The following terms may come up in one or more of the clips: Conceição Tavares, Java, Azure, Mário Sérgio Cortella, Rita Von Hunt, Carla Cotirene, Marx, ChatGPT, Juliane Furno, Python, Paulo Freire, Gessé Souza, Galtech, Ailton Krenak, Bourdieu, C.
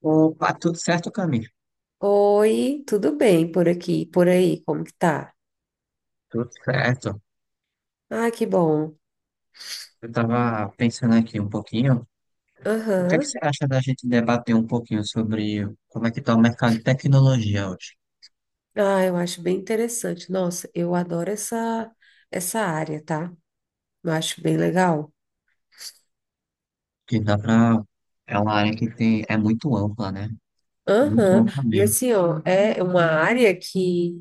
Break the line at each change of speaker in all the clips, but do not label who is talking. Opa, tudo certo, Camille?
Oi, tudo bem por aqui, por aí, como que tá?
Tudo certo.
Ah, que bom.
Eu estava pensando aqui um pouquinho. O que é que
Aham.
você acha da gente debater um pouquinho sobre como é que está o mercado de tecnologia hoje?
Ah, eu acho bem interessante. Nossa, eu adoro essa área, tá? Eu acho bem legal.
Que dá para. É uma área que tem, é muito ampla, né? Muito
Aham.
ampla
E
mesmo.
assim, ó, é uma área que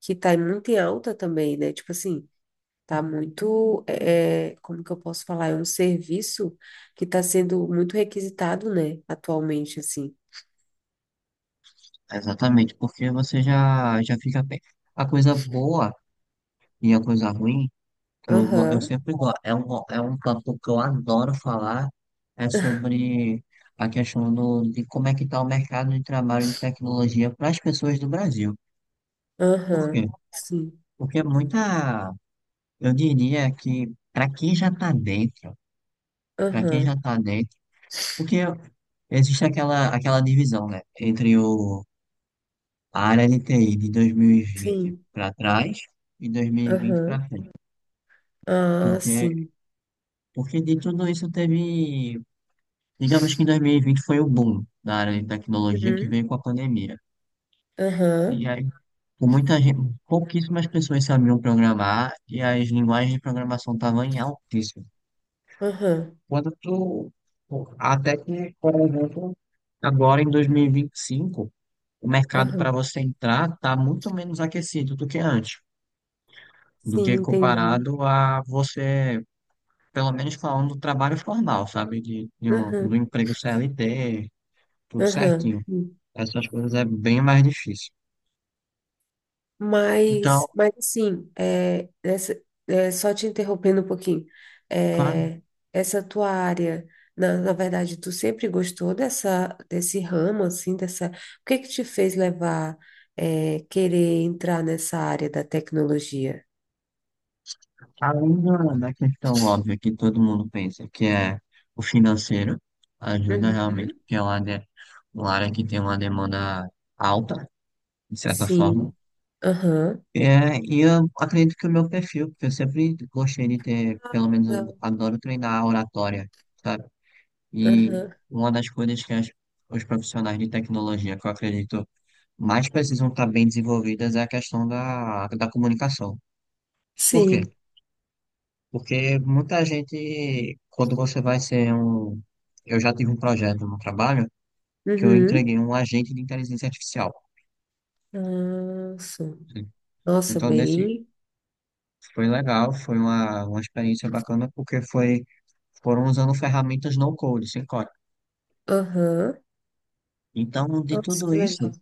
que tá muito em alta também, né? Tipo assim, tá muito, como que eu posso falar? É um serviço que tá sendo muito requisitado, né? Atualmente, assim.
Exatamente, porque você já fica bem. A coisa boa e a coisa ruim. Eu
Aham.
sempre gosto. É um papo que eu adoro falar. É sobre a questão de como é que está o mercado de trabalho de tecnologia para as pessoas do Brasil. Por
Aham.
quê?
Sim.
Porque muita, eu diria que para quem já está dentro, para quem já
Aham.
está dentro, porque existe aquela divisão, né, entre a área de TI de 2020
Sim.
para trás e 2020
Aham.
para frente.
Ah,
Porque,
sim.
porque de tudo isso teve. Digamos que 2020 foi o boom da área de tecnologia que
Uhum.
veio com a pandemia.
Aham.
E aí, com muita gente, pouquíssimas pessoas sabiam programar e as linguagens de programação estavam em altíssimo.
Aham.
Quando tu, até que, por exemplo, agora em 2025, o mercado para
Aham.
você entrar está muito menos aquecido do que antes, do
Sim,
que
entendi.
comparado a você, pelo menos falando do trabalho formal, sabe? Do
Aham.
emprego CLT, tudo
Aham.
certinho.
Sim.
Essas coisas é bem mais difícil. Então,
Mas assim, só te interrompendo um pouquinho,
claro,
é, essa tua área, na verdade, tu sempre gostou dessa, desse ramo, assim, dessa. O que que te fez levar, querer entrar nessa área da tecnologia?
além da questão óbvia que todo mundo pensa, que é o financeiro, ajuda realmente,
Uhum.
porque é uma área que tem uma demanda alta, de certa forma.
Sim. Aham.
É, e eu acredito que o meu perfil, porque eu sempre gostei de ter, pelo menos eu
Não.
adoro treinar a oratória, sabe? E
Aham.
uma das coisas que os profissionais de tecnologia, que eu acredito, mais precisam estar bem desenvolvidas é a questão da comunicação. Por quê?
Sim.
Porque muita gente, quando você vai ser um. Eu já tive um projeto no trabalho que eu
Uhum.
entreguei um agente de inteligência artificial,
Nossa.
né?
Nossa,
Então, desse
bem.
foi legal, foi uma experiência bacana, porque foram usando ferramentas no code, sem código.
Aham.
Então, de
Nossa,
tudo
que
isso,
legal.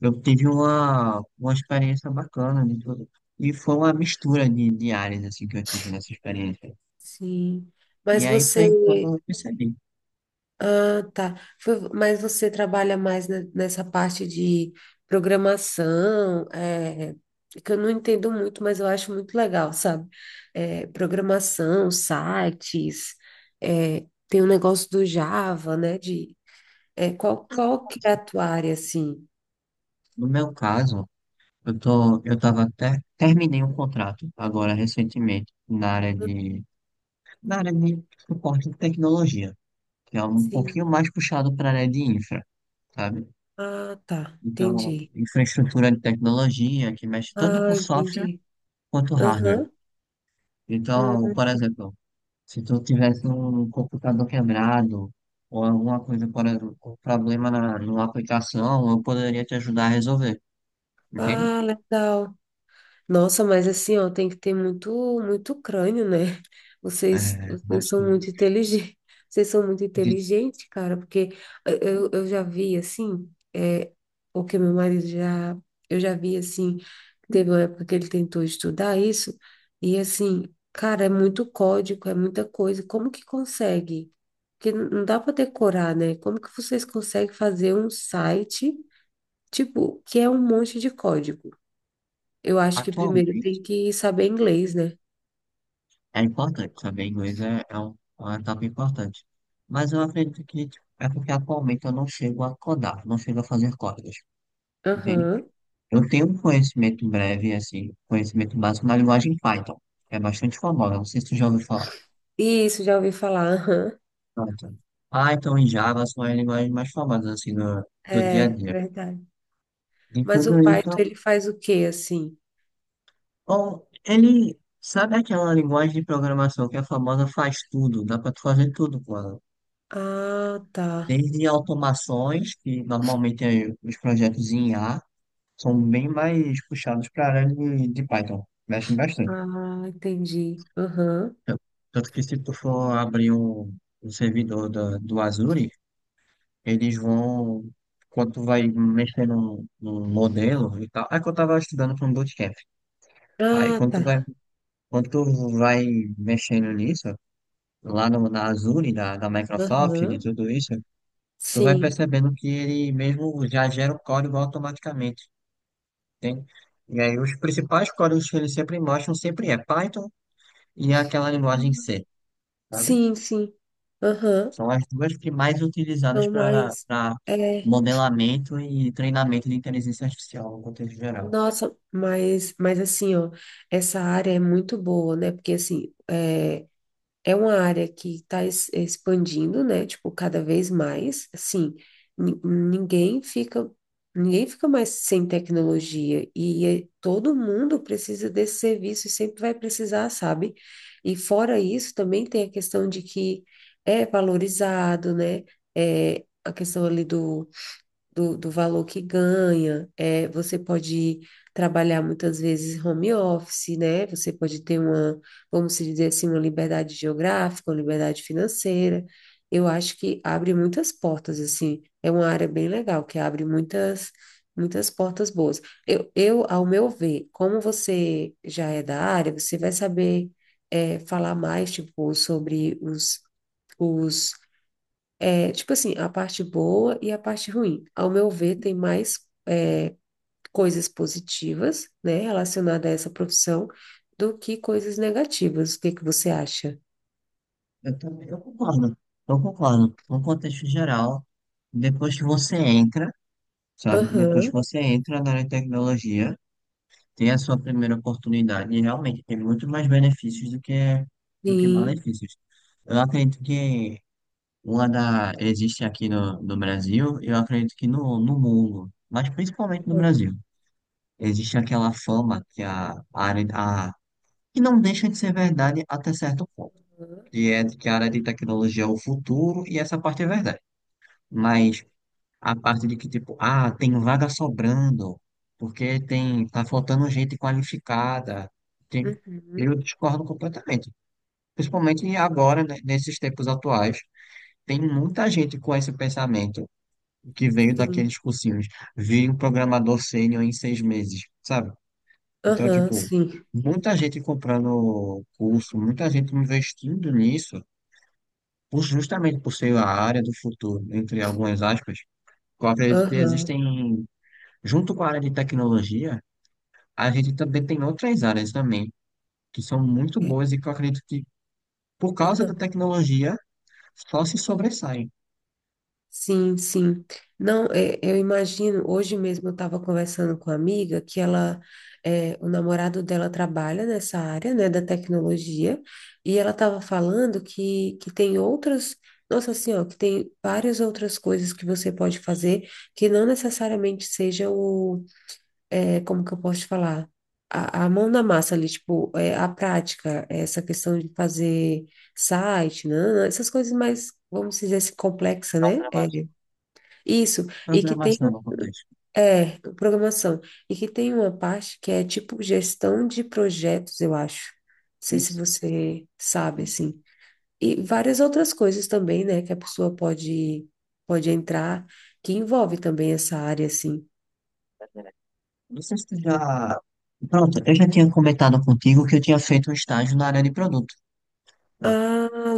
eu tive uma experiência bacana de tudo. E foi uma mistura de áreas assim, que eu tive nessa experiência.
Sim.
E
Mas
aí foi quando
você.
eu percebi.
Ah, tá. Mas você trabalha mais nessa parte de programação, que eu não entendo muito, mas eu acho muito legal, sabe? É, programação, sites, é, tem o negócio do Java, né? De, qual que é a tua área, assim?
No meu caso, eu tava até, terminei um contrato agora recentemente na área de, suporte de tecnologia, que é um pouquinho
Sim.
mais puxado para a área de infra, sabe?
Ah, tá.
Então,
Entendi.
infraestrutura de tecnologia que mexe tanto com
Ah,
software
entendi.
quanto hardware.
Aham.
Então, por
Hum.
exemplo, se tu tivesse um computador quebrado ou alguma coisa, por exemplo, um problema numa aplicação, eu poderia te ajudar a resolver, entende?
Ah, legal. Nossa, mas assim, ó, tem que ter muito, muito crânio, né? Vocês,
É, mas
vocês são muito inteligentes. Vocês são muito
de,
inteligentes, cara, porque eu já vi, assim, o que meu marido já... Eu já vi, assim, teve uma época que ele tentou estudar isso, e assim, cara, é muito código, é muita coisa. Como que consegue? Porque não dá para decorar, né? Como que vocês conseguem fazer um site... Tipo, que é um monte de código. Eu acho que primeiro
atualmente
tem que saber inglês, né?
é importante saber inglês. É uma etapa importante. Mas eu acredito que tipo, é porque atualmente eu não chego a codar, não chego a fazer códigos, entende?
Aham.
Eu tenho um conhecimento breve, assim, conhecimento básico na linguagem Python, que é bastante famosa, não sei se tu já ouviu falar.
Isso, já ouvi falar. Aham.
Pronto. Python e Java são as linguagens mais famosas, assim, do dia a
É,
dia.
verdade.
E
Mas
tudo
o
isso,
Python, ele faz o quê, assim?
bom, ele, sabe aquela linguagem de programação que é famosa faz tudo, dá pra tu fazer tudo com ela.
Ah, tá.
Desde automações, que normalmente os projetos em A são bem mais puxados para a área de Python, mexem bastante.
Ah, entendi. Aham.
Tan- Tanto que se tu for abrir um servidor do Azure, eles vão, quando tu vai mexer num modelo e tal, é que eu estava estudando para um bootcamp. Aí
Ah,
quando tu vai,
tá.
quando tu vai mexendo nisso, lá no, na Azure, da Microsoft, de
Aham.
tudo isso, tu vai
Sim.
percebendo que ele mesmo já gera o código automaticamente. Tem. E aí os principais códigos que eles sempre mostram sempre é Python e aquela linguagem C, sabe?
Sim, sim. Aham.
São as duas que mais utilizadas
Então,
para
mas é,
modelamento e treinamento de inteligência artificial no contexto geral.
mas assim, ó, essa área é muito boa, né? Porque assim, é uma área que está expandindo, né? Tipo, cada vez mais. Assim, ni- ninguém fica, ninguém fica mais sem tecnologia todo mundo precisa desse serviço e sempre vai precisar, sabe? E fora isso, também tem a questão de que é valorizado, né? É a questão ali do, do valor que ganha. É, você pode trabalhar muitas vezes home office, né? Você pode ter uma, vamos dizer assim, uma liberdade geográfica, uma liberdade financeira. Eu acho que abre muitas portas, assim. É uma área bem legal, que abre muitas, muitas portas boas. Ao meu ver, como você já é da área, você vai saber, falar mais, tipo, sobre os, tipo assim, a parte boa e a parte ruim. Ao meu ver, tem mais é, coisas positivas, né, relacionada a essa profissão do que coisas negativas. O que que você acha?
Eu também, eu concordo, eu concordo. No contexto geral, depois que você entra, sabe? Depois que
Aham,
você entra na área de tecnologia, tem a sua primeira oportunidade e realmente tem muito mais benefícios do que
sim.
malefícios. Eu acredito que uma da existe aqui no Brasil, eu acredito que no mundo, mas principalmente no
Aham,
Brasil. Existe aquela fama que a área a, que não deixa de ser verdade até certo ponto, que é de que a área de tecnologia é o futuro e essa parte é verdade. Mas a parte de que tipo, ah, tem vaga sobrando, porque tem, tá faltando gente qualificada, tem, eu
uhum,
discordo completamente. Principalmente agora, né, nesses tempos atuais, tem muita gente com esse pensamento que veio
sim.
daqueles cursinhos. Vi um programador sênior em 6 meses, sabe? Então,
Aham,
tipo,
sim.
muita gente comprando curso, muita gente investindo nisso, justamente por ser a área do futuro, entre algumas aspas. Eu acredito que
Aham,
existem, junto com a área de tecnologia, a gente também tem outras áreas também, que são muito
é,
boas e que eu acredito que, por causa da
aham.
tecnologia, só se sobressaem.
Sim, sim. Não, é, eu imagino, hoje mesmo eu estava conversando com uma amiga que ela, o namorado dela trabalha nessa área, né, da tecnologia, e ela estava falando que tem outras, nossa senhora, que tem várias outras coisas que você pode fazer que não necessariamente seja o, como que eu posso te falar? A mão na massa ali, tipo, a prática, essa questão de fazer site, né, essas coisas mais, vamos dizer assim, complexa, né?
Programa-
Isso, e que tem,
Programação no contexto.
programação, e que tem uma parte que é tipo gestão de projetos, eu acho. Não sei se
Isso,
você sabe,
isso.
assim. E várias outras coisas também, né, que a pessoa pode, pode entrar, que envolve também essa área, assim.
Não sei se tu já. Pronto, eu já tinha comentado contigo que eu tinha feito um estágio na área de produto. Pronto,
Ah,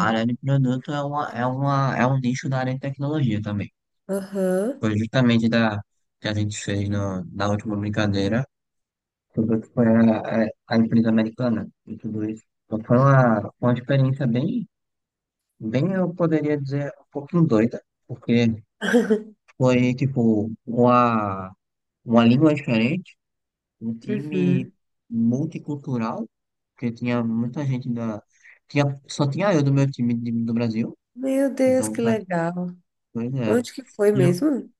a área de produto é um nicho da área de tecnologia também.
Aham.
Foi justamente da que a gente fez no, na última brincadeira sobre o que foi a empresa americana e tudo isso. Então foi uma experiência bem, bem, eu poderia dizer, um pouquinho doida, porque foi tipo uma língua diferente, um time
Uhum.
multicultural, porque tinha muita gente da. Tinha, só tinha eu do meu time do Brasil,
Meu Deus,
então,
que
pra
legal.
coisa é.
Onde que foi
E, eu,
mesmo?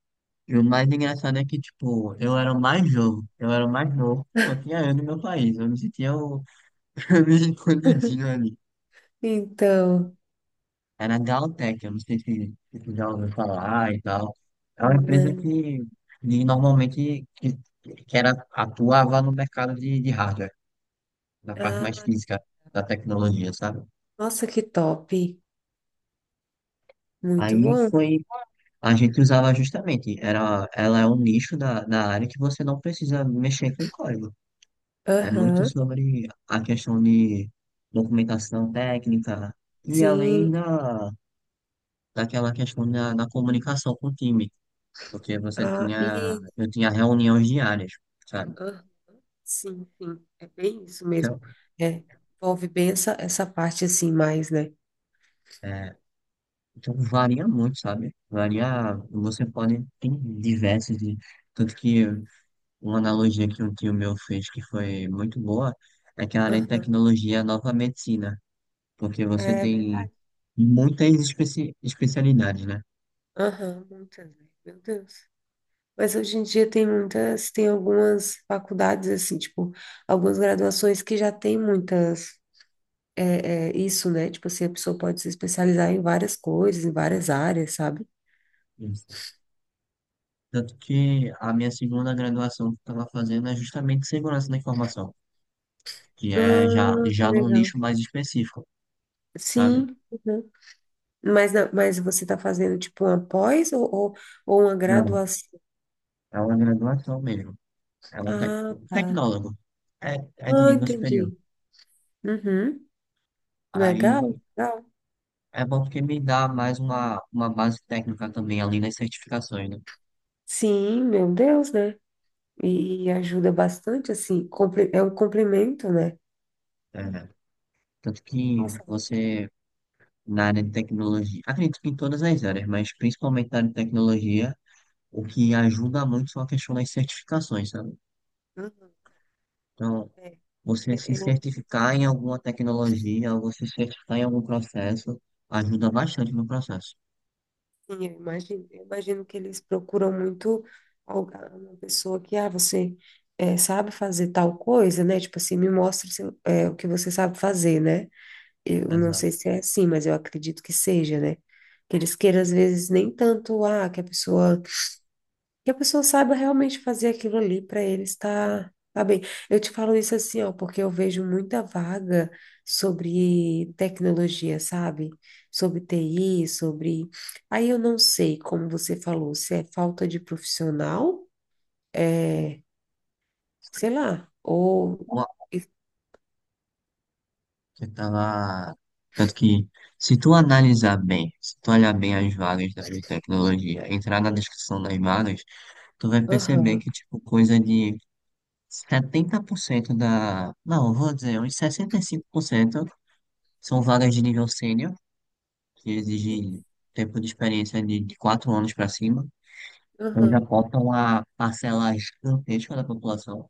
e o mais engraçado é que, tipo, eu era o mais novo, eu era o mais novo, só tinha eu do meu país, eu me sentia o. Eu me sentia escondidinho ali.
Então,
Era a Galtech, eu não sei se tu já ouviu falar e tal. É uma empresa
né?
que normalmente que era, atuava no mercado de hardware, na parte mais
Ah,
física da tecnologia, sabe?
nossa, que top. Muito
Aí
bom.
foi, a gente usava justamente, era, ela é um nicho da área que você não precisa mexer com código. É muito
Aham.
sobre a questão de documentação técnica e além
Sim,
da, daquela questão da comunicação com o time, porque você
ah,
tinha,
e
eu tinha reuniões diárias, sabe?
ah, sim, sim, é bem isso mesmo.
Então,
É, envolve bem essa, essa parte assim mais, né?
é, então varia muito, sabe? Varia, você pode, tem diversos, tanto que uma analogia que um tio meu fez que foi muito boa é que a área de
Aham,
tecnologia é a nova medicina, porque você
é
tem
verdade.
muitas especialidades, né?
Aham, muitas, né? Meu Deus. Mas hoje em dia tem muitas, tem algumas faculdades, assim, tipo, algumas graduações que já tem muitas, isso, né? Tipo assim, a pessoa pode se especializar em várias coisas, em várias áreas, sabe?
Isso. Tanto que a minha segunda graduação que eu estava fazendo é justamente segurança da informação, que é já,
Ah, que
já num
legal.
nicho mais específico, sabe?
Sim, uhum. Mas, não- mas você está fazendo tipo uma pós ou uma
Não,
graduação?
é uma graduação mesmo. É um tec-
Ah, tá.
tecnólogo. É de
Ah,
nível superior.
entendi. Uhum. Legal,
Aí
legal.
é bom porque me dá mais uma base técnica também, além das certificações, né?
Sim, meu Deus, né? E ajuda bastante, assim, é um complemento, né?
É, tanto que
Nossa,
você, na área de tecnologia, acredito que em todas as áreas, mas principalmente na área de tecnologia, o que ajuda muito são a questão das certificações, sabe?
uhum,
Então,
é,
você se
é, é, eu,
certificar em alguma tecnologia, ou você se certificar em algum processo, ajuda bastante no processo.
sim, eu imagino que eles procuram muito uma pessoa que, ah, você sabe fazer tal coisa, né? Tipo assim, me mostra o que você sabe fazer, né? Eu não sei
Exato.
se é assim, mas eu acredito que seja, né? Que eles queiram, às vezes, nem tanto, ah, que a pessoa saiba realmente fazer aquilo ali para eles tá, tá bem. Eu te falo isso assim, ó, porque eu vejo muita vaga sobre tecnologia, sabe? Sobre TI, sobre. Aí eu não sei, como você falou, se é falta de profissional, é, sei lá, ou.
Ó, você tava. Tanto que, se tu analisar bem, se tu olhar bem as vagas da área de tecnologia, entrar na descrição das vagas, tu vai perceber
Aham.
que, tipo, coisa de 70% da. Não, eu vou dizer, uns 65% são vagas de
Aham.
nível sênior, que exigem
Isso,
tempo de experiência de 4 anos para cima. Então já
aham.
falta uma parcela gigantesca da população.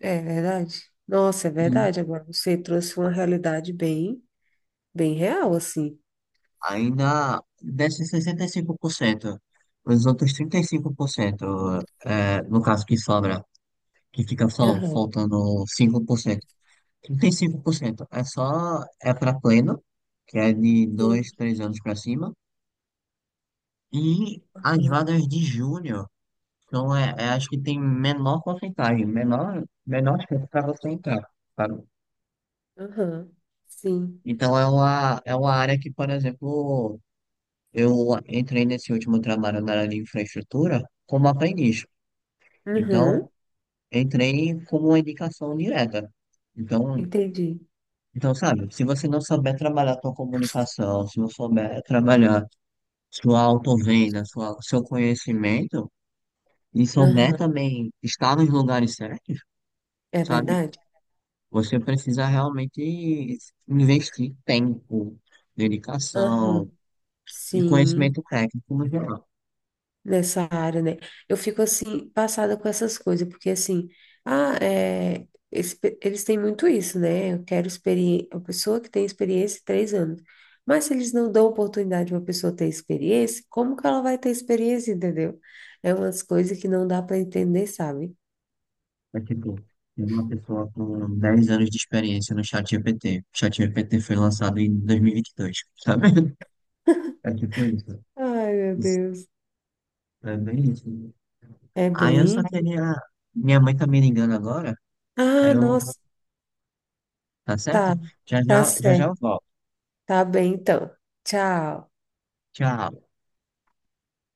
É verdade. Nossa, é
E
verdade. Agora você trouxe uma realidade bem, bem real, assim.
ainda desses 65%, os outros 35%, no caso que sobra, que fica só
Aham.
faltando 5%, 35% é só é para pleno, que é de dois
Sim.
3 anos para cima. E as
Aham.
vagas de júnior então é as que tem menor porcentagem, menor chance para você entrar, sabe?
Aham. Sim.
Então é uma área que, por exemplo, eu entrei nesse último trabalho na área de infraestrutura como aprendiz.
Aham.
Então, entrei como uma indicação direta. Então,
Entendi.
então, sabe, se você não souber trabalhar sua comunicação, se não souber trabalhar sua autovenda, seu conhecimento, e souber
Aham.
também estar nos lugares certos,
É
sabe?
verdade?
Você precisa realmente investir tempo,
Aham.
dedicação e
Sim.
conhecimento técnico no geral.
Nessa área, né? Eu fico assim, passada com essas coisas, porque assim, ah, esse eles têm muito isso, né? Eu quero experiência, a pessoa que tem experiência em 3 anos. Mas se eles não dão oportunidade para uma pessoa ter experiência, como que ela vai ter experiência, entendeu? É umas coisas que não dá para entender, sabe?
É tipo, tem uma pessoa com 10 anos de experiência no ChatGPT. O ChatGPT foi lançado em 2022, sabe? É tipo isso.
Ai, meu
Isso,
Deus.
é bem isso.
É
Aí eu só
bem.
queria. Minha mãe tá me ligando agora. Aí
Ah,
eu.
nossa,
Tá certo?
tá.
Já
Tá
já, já, já
certo.
eu volto.
Tá bem, então. Tchau.
Tchau.